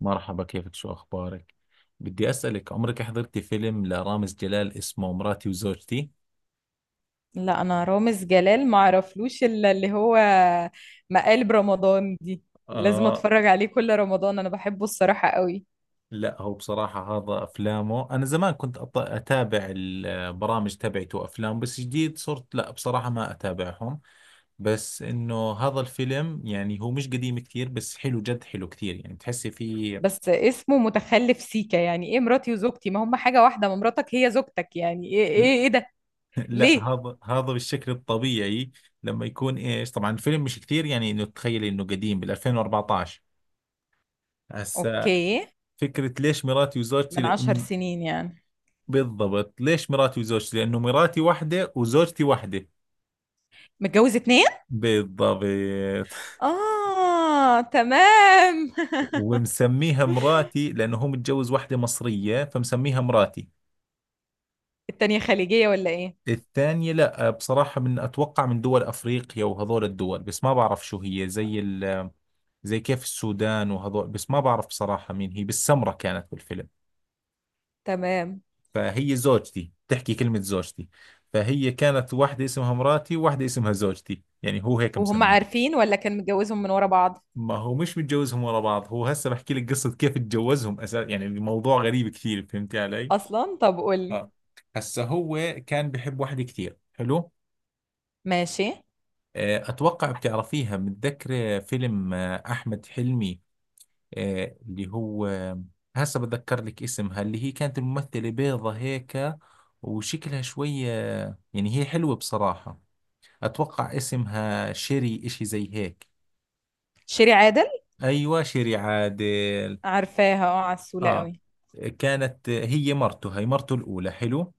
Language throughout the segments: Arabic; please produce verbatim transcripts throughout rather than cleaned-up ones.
مرحبا، كيفك؟ شو أخبارك؟ بدي أسألك، عمرك حضرتي فيلم لرامز جلال اسمه مراتي وزوجتي؟ لا، انا رامز جلال ما اعرفلوش الا اللي هو مقالب رمضان دي. لازم آه. اتفرج عليه كل رمضان، انا بحبه الصراحة قوي. لا، هو بصراحة هذا أفلامه، أنا زمان كنت أط- أتابع البرامج تبعته وأفلام، بس جديد صرت لا بصراحة ما أتابعهم. بس إنه هذا الفيلم، يعني هو مش قديم كثير، بس حلو، جد حلو كثير، يعني تحسي فيه. بس اسمه متخلف سيكا، يعني ايه مراتي وزوجتي؟ ما هم حاجة واحدة، ما مراتك هي زوجتك، يعني ايه ايه ايه ده؟ لا، ليه؟ هذا هذا بالشكل الطبيعي. لما يكون إيش، طبعا الفيلم مش كثير، يعني إنه تخيلي إنه قديم بال ألفين وأربعتاش. هسا، اوكي. فكرة ليش مراتي وزوجتي؟ من عشر لأن سنين يعني. بالضبط، ليش مراتي وزوجتي؟ لأنه مراتي واحدة وزوجتي واحدة. متجوز اتنين. بالضبط. اه تمام. ومسميها مراتي لأنه هو متجوز واحدة مصرية، فمسميها مراتي. التانية خليجية ولا ايه؟ الثانية لا بصراحة، من أتوقع من دول أفريقيا وهذول الدول، بس ما بعرف شو هي، زي ال زي كيف السودان وهذول، بس ما بعرف بصراحة مين هي، بالسمرة كانت بالفيلم. تمام. فهي زوجتي، تحكي كلمة زوجتي. فهي كانت واحدة اسمها مراتي وواحدة اسمها زوجتي، يعني هو هيك وهم مسمي. عارفين ولا كان متجوزهم من ورا بعض ما هو مش متجوزهم ورا بعض، هو هسه بحكي لك قصة كيف اتجوزهم اساس، يعني الموضوع غريب كثير، فهمتي علي؟ اصلا؟ طب قولي. اه. هسه هو كان بحب واحدة كثير، حلو؟ ماشي. آه، اتوقع بتعرفيها، متذكرة فيلم آه، احمد حلمي؟ آه، اللي هو آه، هسه بتذكر لك اسمها، اللي هي كانت الممثلة بيضة هيك وشكلها شوية، يعني هي حلوة بصراحة. اتوقع اسمها شيري، اشي زي هيك. شيري عادل. ايوه، شيري عادل. عارفاها، اه عسولة اه. قوي. كانت هي مرته هي مرته الأولى، حلو؟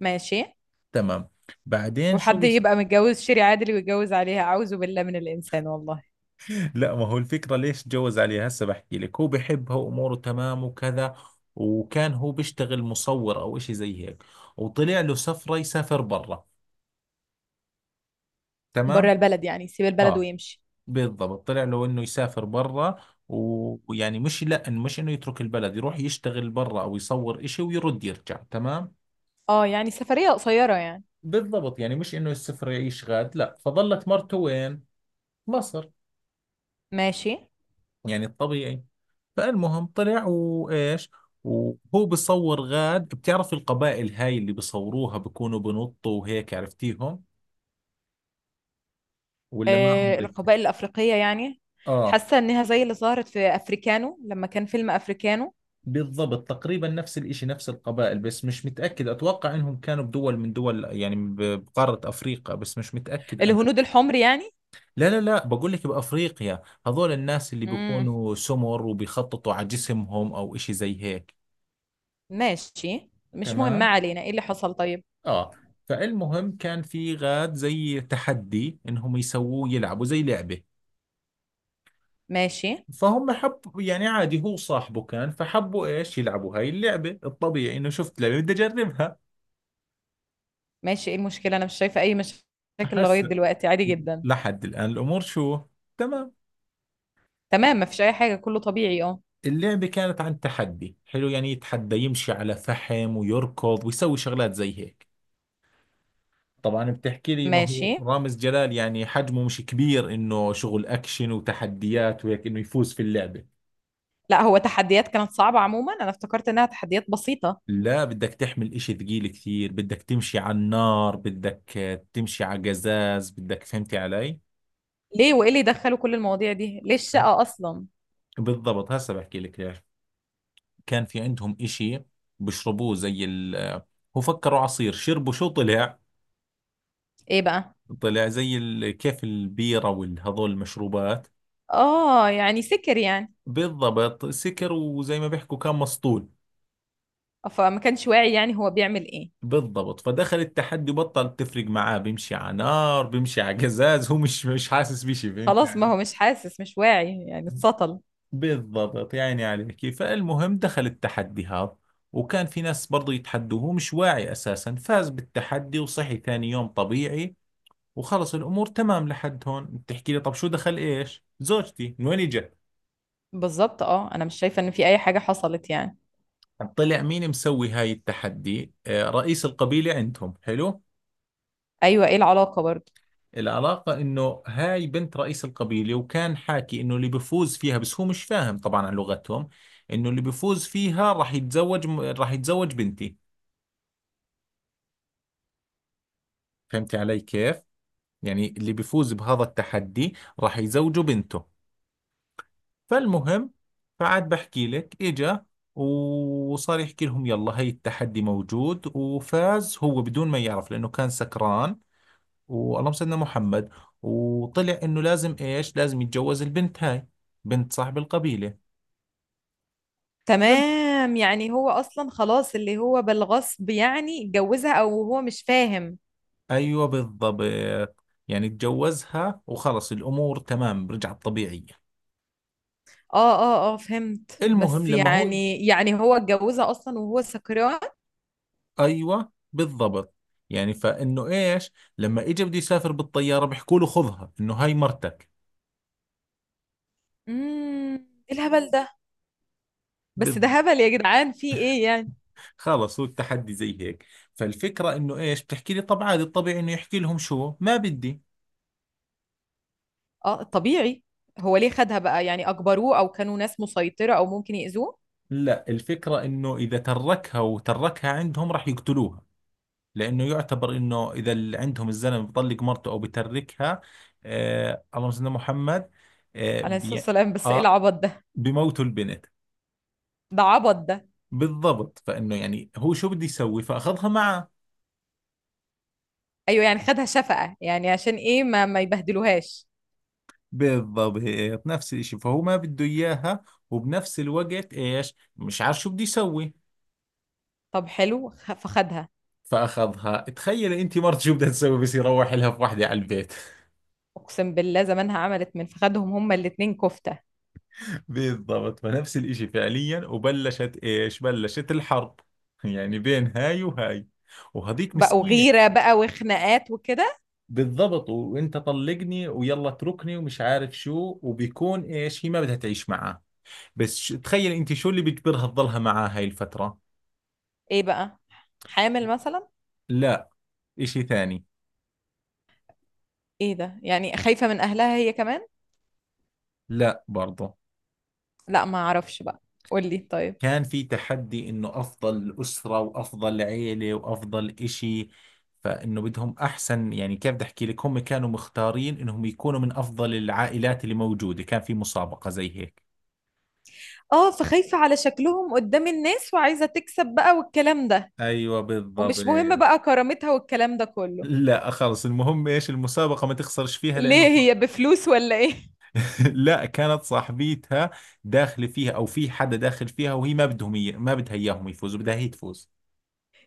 ماشي. تمام. بعدين شو وحد بص... يبقى متجوز شيري عادل ويتجوز عليها؟ أعوذ بالله من الإنسان والله. لا، ما هو الفكرة ليش تجوز عليها، هسه بحكي لك. هو بحبها وأموره تمام وكذا، وكان هو بيشتغل مصور أو إشي زي هيك، وطلع له سفرة يسافر برا. تمام. بره البلد يعني، سيب البلد اه ويمشي. بالضبط، طلع له إنه يسافر برا. و- ويعني مش، لا إنه- مش إنه يترك البلد، يروح يشتغل برا أو يصور إشي ويرد يرجع. تمام. اه يعني سفرية قصيرة يعني. بالضبط، يعني مش إنه السفر يعيش غاد لا. فظلت مرته وين؟ مصر، ماشي. يعني الطبيعي. فالمهم طلع وايش، وهو بيصور غاد. بتعرف القبائل هاي اللي بيصوروها بيكونوا بنطوا وهيك، عرفتيهم ولا ما آه عمرك؟ القبائل الأفريقية يعني. اه حاسة إنها زي اللي ظهرت في أفريكانو، لما كان فيلم أفريكانو. بالضبط، تقريبا نفس الاشي، نفس القبائل، بس مش متأكد، اتوقع انهم كانوا بدول من دول، يعني ب- بقارة افريقيا، بس مش متأكد انا. الهنود الحمر يعني. لا لا لا بقول لك بافريقيا، هذول الناس اللي امم بيكونوا سمر وبيخططوا على جسمهم او اشي زي هيك. ماشي، مش مهم، ما تمام علينا، ايه اللي حصل طيب؟ اه. فالمهم كان في غاد زي تحدي، انهم يسووه يلعبوا زي لعبة. ماشي. فهم حب، يعني عادي هو صاحبه كان، فحبوا ايش يلعبوا هاي اللعبة. الطبيعي انه شفت لعبة بدي اجربها. ماشي، ايه المشكلة؟ أنا مش شايفة أي مشاكل لغاية هسه دلوقتي، عادي جدا. لحد الان الامور شو، تمام. تمام، مفيش أي حاجة، كله طبيعي اه. اللعبة كانت عن تحدي حلو، يعني يتحدى يمشي على فحم ويركض ويسوي شغلات زي هيك. طبعا بتحكي لي، ما ماشي. هو رامز جلال يعني حجمه مش كبير انه شغل اكشن وتحديات وهيك، انه يفوز في اللعبة. لا هو تحديات كانت صعبة عموما، أنا افتكرت إنها تحديات بسيطة. لا، بدك تحمل اشي ثقيل كثير، بدك تمشي على النار، بدك آه، تمشي على قزاز، بدك، فهمتي علي؟ ليه؟ وإيه اللي دخلوا كل المواضيع دي؟ ليه الشقة أصلا؟ بالضبط، هسه بحكي لك ليش. كان في عندهم اشي بيشربوه، زي ال آه، هو فكروا عصير، شربوا شو طلع؟ إيه بقى؟ طلع زي ال... كيف البيرة والهذول المشروبات. آه يعني سكر يعني. بالضبط، سكر، وزي ما بيحكوا كان مسطول. فما كانش واعي، يعني هو بيعمل إيه؟ بالضبط، فدخل التحدي، بطل تفرق معاه، بيمشي على نار، بيمشي على قزاز، هو مش مش حاسس بشي، فهمت خلاص ما علي؟ هو مش حاسس مش واعي يعني، اتسطل. بالضبط، يعني عليك. فالمهم دخل التحدي هذا، وكان في ناس برضو يتحدوه، هو مش واعي أساسا، فاز بالتحدي، وصحي ثاني يوم طبيعي، وخلص الأمور تمام. لحد هون بتحكي لي، طب شو دخل إيش زوجتي، من وين إجت؟ بالظبط. آه أنا مش شايفة إن في أي حاجة حصلت يعني. طلع مين مسوي هاي التحدي؟ آه، رئيس القبيلة عندهم، حلو. أيوة، إيه العلاقة برضه؟ العلاقة إنه هاي بنت رئيس القبيلة، وكان حاكي إنه اللي بفوز فيها، بس هو مش فاهم طبعا عن لغتهم، إنه اللي بفوز فيها راح يتزوج راح يتزوج بنتي. فهمتي علي كيف؟ يعني اللي بيفوز بهذا التحدي راح يزوجه بنته. فالمهم، فعاد بحكي لك، اجا وصار يحكي لهم يلا، هي التحدي موجود، وفاز هو بدون ما يعرف لأنه كان سكران، واللهم سيدنا محمد، وطلع انه لازم ايش، لازم يتجوز البنت هاي، بنت صاحب القبيلة. فال- تمام، يعني هو أصلا خلاص اللي هو بالغصب يعني اتجوزها، أو هو مش فاهم. ايوه بالضبط. يعني تجوزها وخلص الامور تمام، رجعت طبيعية. اه اه اه فهمت، المهم بس لما هو، يعني يعني هو اتجوزها اصلا وهو سكران. ايوه بالضبط، يعني فانه ايش، لما اجى بده يسافر بالطياره، بيحكوا له خذها انه هاي مرتك. امم، ايه الهبل ده؟ بس ده بالضبط. هبل يا جدعان، في ايه يعني؟ خلص هو التحدي زي هيك. فالفكره انه ايش، بتحكي لي طب عادي الطبيعي انه يحكي لهم شو ما بدي. اه طبيعي. هو ليه خدها بقى؟ يعني اجبروه او كانوا ناس مسيطرة او ممكن يأذوه؟ لا، الفكره انه اذا تركها وتركها عندهم راح يقتلوها، لانه يعتبر انه اذا اللي عندهم الزلمه بيطلق مرته او بتركها، آه اللهم صل على محمد، آه, عليه الصلاة بي والسلام، بس ايه آه العبط ده؟ بموتوا البنت. ده عبط ده. بالضبط، فانه يعني هو شو بده يسوي، فاخذها معه. ايوه يعني خدها شفقة، يعني عشان ايه؟ ما ما يبهدلوهاش. بالضبط، هيك نفس الاشي، فهو ما بده اياها، وبنفس الوقت ايش، مش عارف شو بده يسوي، طب حلو. خ- فخدها. فاخذها. تخيلي انت مرت، شو بدها تسوي بس يروح لها في وحده على البيت؟ اقسم بالله زمانها عملت من فخدهم هما الاتنين كفتة. بالضبط، فنفس الاشي، فعليا وبلشت ايش، بلشت الحرب، يعني بين هاي وهاي، وهذيك بقوا مسكينة. غيرة بقى وخناقات وكده. بالضبط، وانت طلقني ويلا اتركني ومش عارف شو، وبيكون ايش، هي ما بدها تعيش معاه، بس ش- تخيل انت شو اللي بيجبرها تضلها معاه هاي الفترة؟ ايه بقى؟ حامل مثلا؟ لا، اشي ثاني. ايه ده؟ يعني خايفة من اهلها هي كمان؟ لا برضه. لا ما اعرفش بقى، قولي طيب. كان في تحدي انه افضل اسرة وافضل عيلة وافضل اشي، فانه بدهم احسن، يعني كيف بدي احكي لك، هم كانوا مختارين انهم يكونوا من افضل العائلات اللي موجودة، كان في مسابقة زي هيك. اه فخايفة على شكلهم قدام الناس، وعايزة تكسب بقى والكلام ده. ايوه بالضبط. ومش مهم بقى كرامتها والكلام ده كله. لا خلص، المهم ايش، المسابقة ما تخسرش فيها، ليه؟ لانه هي بفلوس ولا ايه؟ لا كانت صاحبيتها داخلة فيها او في حدا داخل فيها وهي ما بدهم ي... ما بدها اياهم يفوزوا، بدها هي تفوز.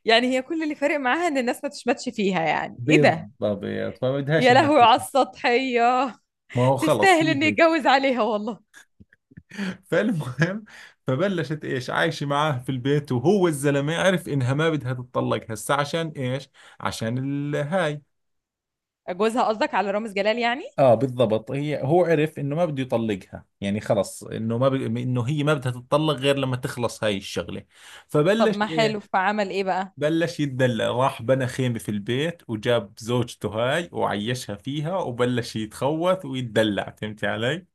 يعني هي كل اللي فارق معاها ان الناس ما تشمتش فيها، يعني ايه ده؟ بالضبط، فما بدهاش يا الناس لهوي على تشوف. السطحية. ما هو خلص تستاهل هي ان هيك. يتجوز عليها والله. فالمهم، فبلشت ايش، عايشه معاه في البيت، وهو الزلمه عرف انها ما بدها تتطلق هسه، عشان ايش؟ عشان الهاي. جوزها قصدك، على رامز جلال يعني؟ اه بالضبط، هي هو عرف انه ما بده يطلقها، يعني خلص انه ما ب... انه هي ما بدها تتطلق غير لما تخلص هاي الشغله. طب فبلش ما حلو، ايه؟ فعمل ايه بقى؟ بلش يتدلع، راح بنى خيمه في البيت وجاب زوجته هاي وعيشها فيها، وبلش يتخوث ويتدلع، فهمتي علي؟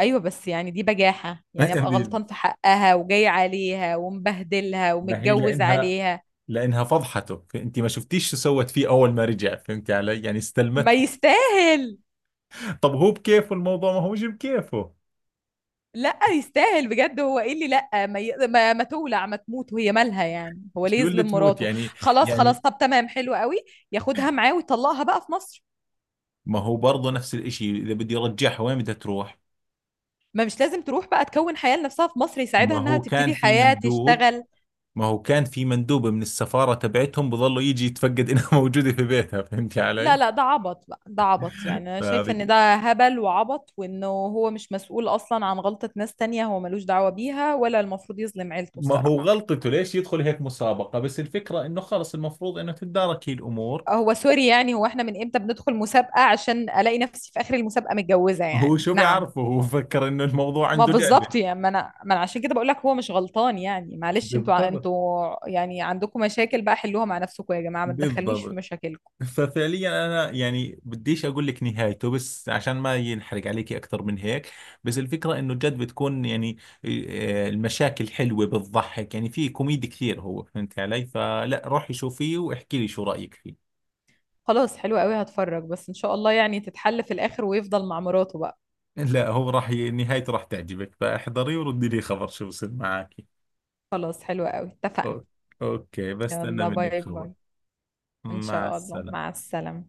ايوه بس يعني دي بجاحة، يعني ابقى غلطان في حقها وجاي عليها ومبهدلها ما هي ومتجوز لانها، عليها. لانها فضحته. انت ما شفتيش شو سوت فيه اول ما رجع، فهمتي علي، يعني ما استلمته. يستاهل. طب هو بكيفه الموضوع، ما هوش بكيفه. لا يستاهل بجد، هو ايه اللي لا ما, ي... ما ما تولع ما تموت وهي مالها يعني؟ هو ليه شو اللي يظلم تموت مراته؟ يعني؟ خلاص يعني خلاص، طب تمام حلو قوي. ياخدها معاه ويطلقها بقى في مصر. ما هو برضه نفس الاشي، اذا بدي ارجعها وين بدها تروح؟ ما مش لازم تروح بقى، تكون حياة لنفسها في مصر، يساعدها ما انها هو كان تبتدي في حياة مندوب تشتغل. ما هو كان في مندوب من السفارة تبعتهم، بظلوا يجي يتفقد انها موجودة في بيتها، فهمتي لا علي؟ لا ده عبط بقى، ده عبط، يعني انا شايفة فهذه. ان ده هبل وعبط، وانه هو مش مسؤول اصلا عن غلطة ناس تانية، هو ملوش دعوة بيها، ولا المفروض يظلم عيلته ما هو الصراحة. غلطته ليش يدخل هيك مسابقة، بس الفكرة انه خلص المفروض انه تتدارك هي الامور. هو سوري يعني، هو احنا من امتى بندخل مسابقة عشان الاقي نفسي في اخر المسابقة متجوزة؟ هو يعني شو نعم. بيعرفه، هو فكر انه الموضوع ما عنده لعبة. بالظبط، يعني ما انا ما انا عشان كده بقول لك هو مش غلطان يعني، معلش انتوا ع- بالضبط. انتوا يعني عندكم مشاكل بقى حلوها مع نفسكم يا جماعه، ما تدخلنيش في بالضبط. مشاكلكم. ففعليا انا يعني بديش اقول لك نهايته، بس عشان ما ينحرق عليكي اكثر من هيك. بس الفكره انه جد بتكون يعني آه، المشاكل حلوه، بتضحك، يعني في كوميدي كثير هو، فهمت علي؟ فلا روحي شوفيه واحكي لي شو رايك فيه. خلاص حلو قوي، هتفرج، بس ان شاء الله يعني تتحل في الاخر ويفضل مع مراته بقى. لا، هو راح ي- نهايته راح تعجبك، فاحضري وردي لي خبر شو بصير معك. خلاص حلو قوي، اتفقنا. أو- اوكي، بستنى يلا منك باي خبر. باي. ان مع شاء الله، السلامه. مع السلامه.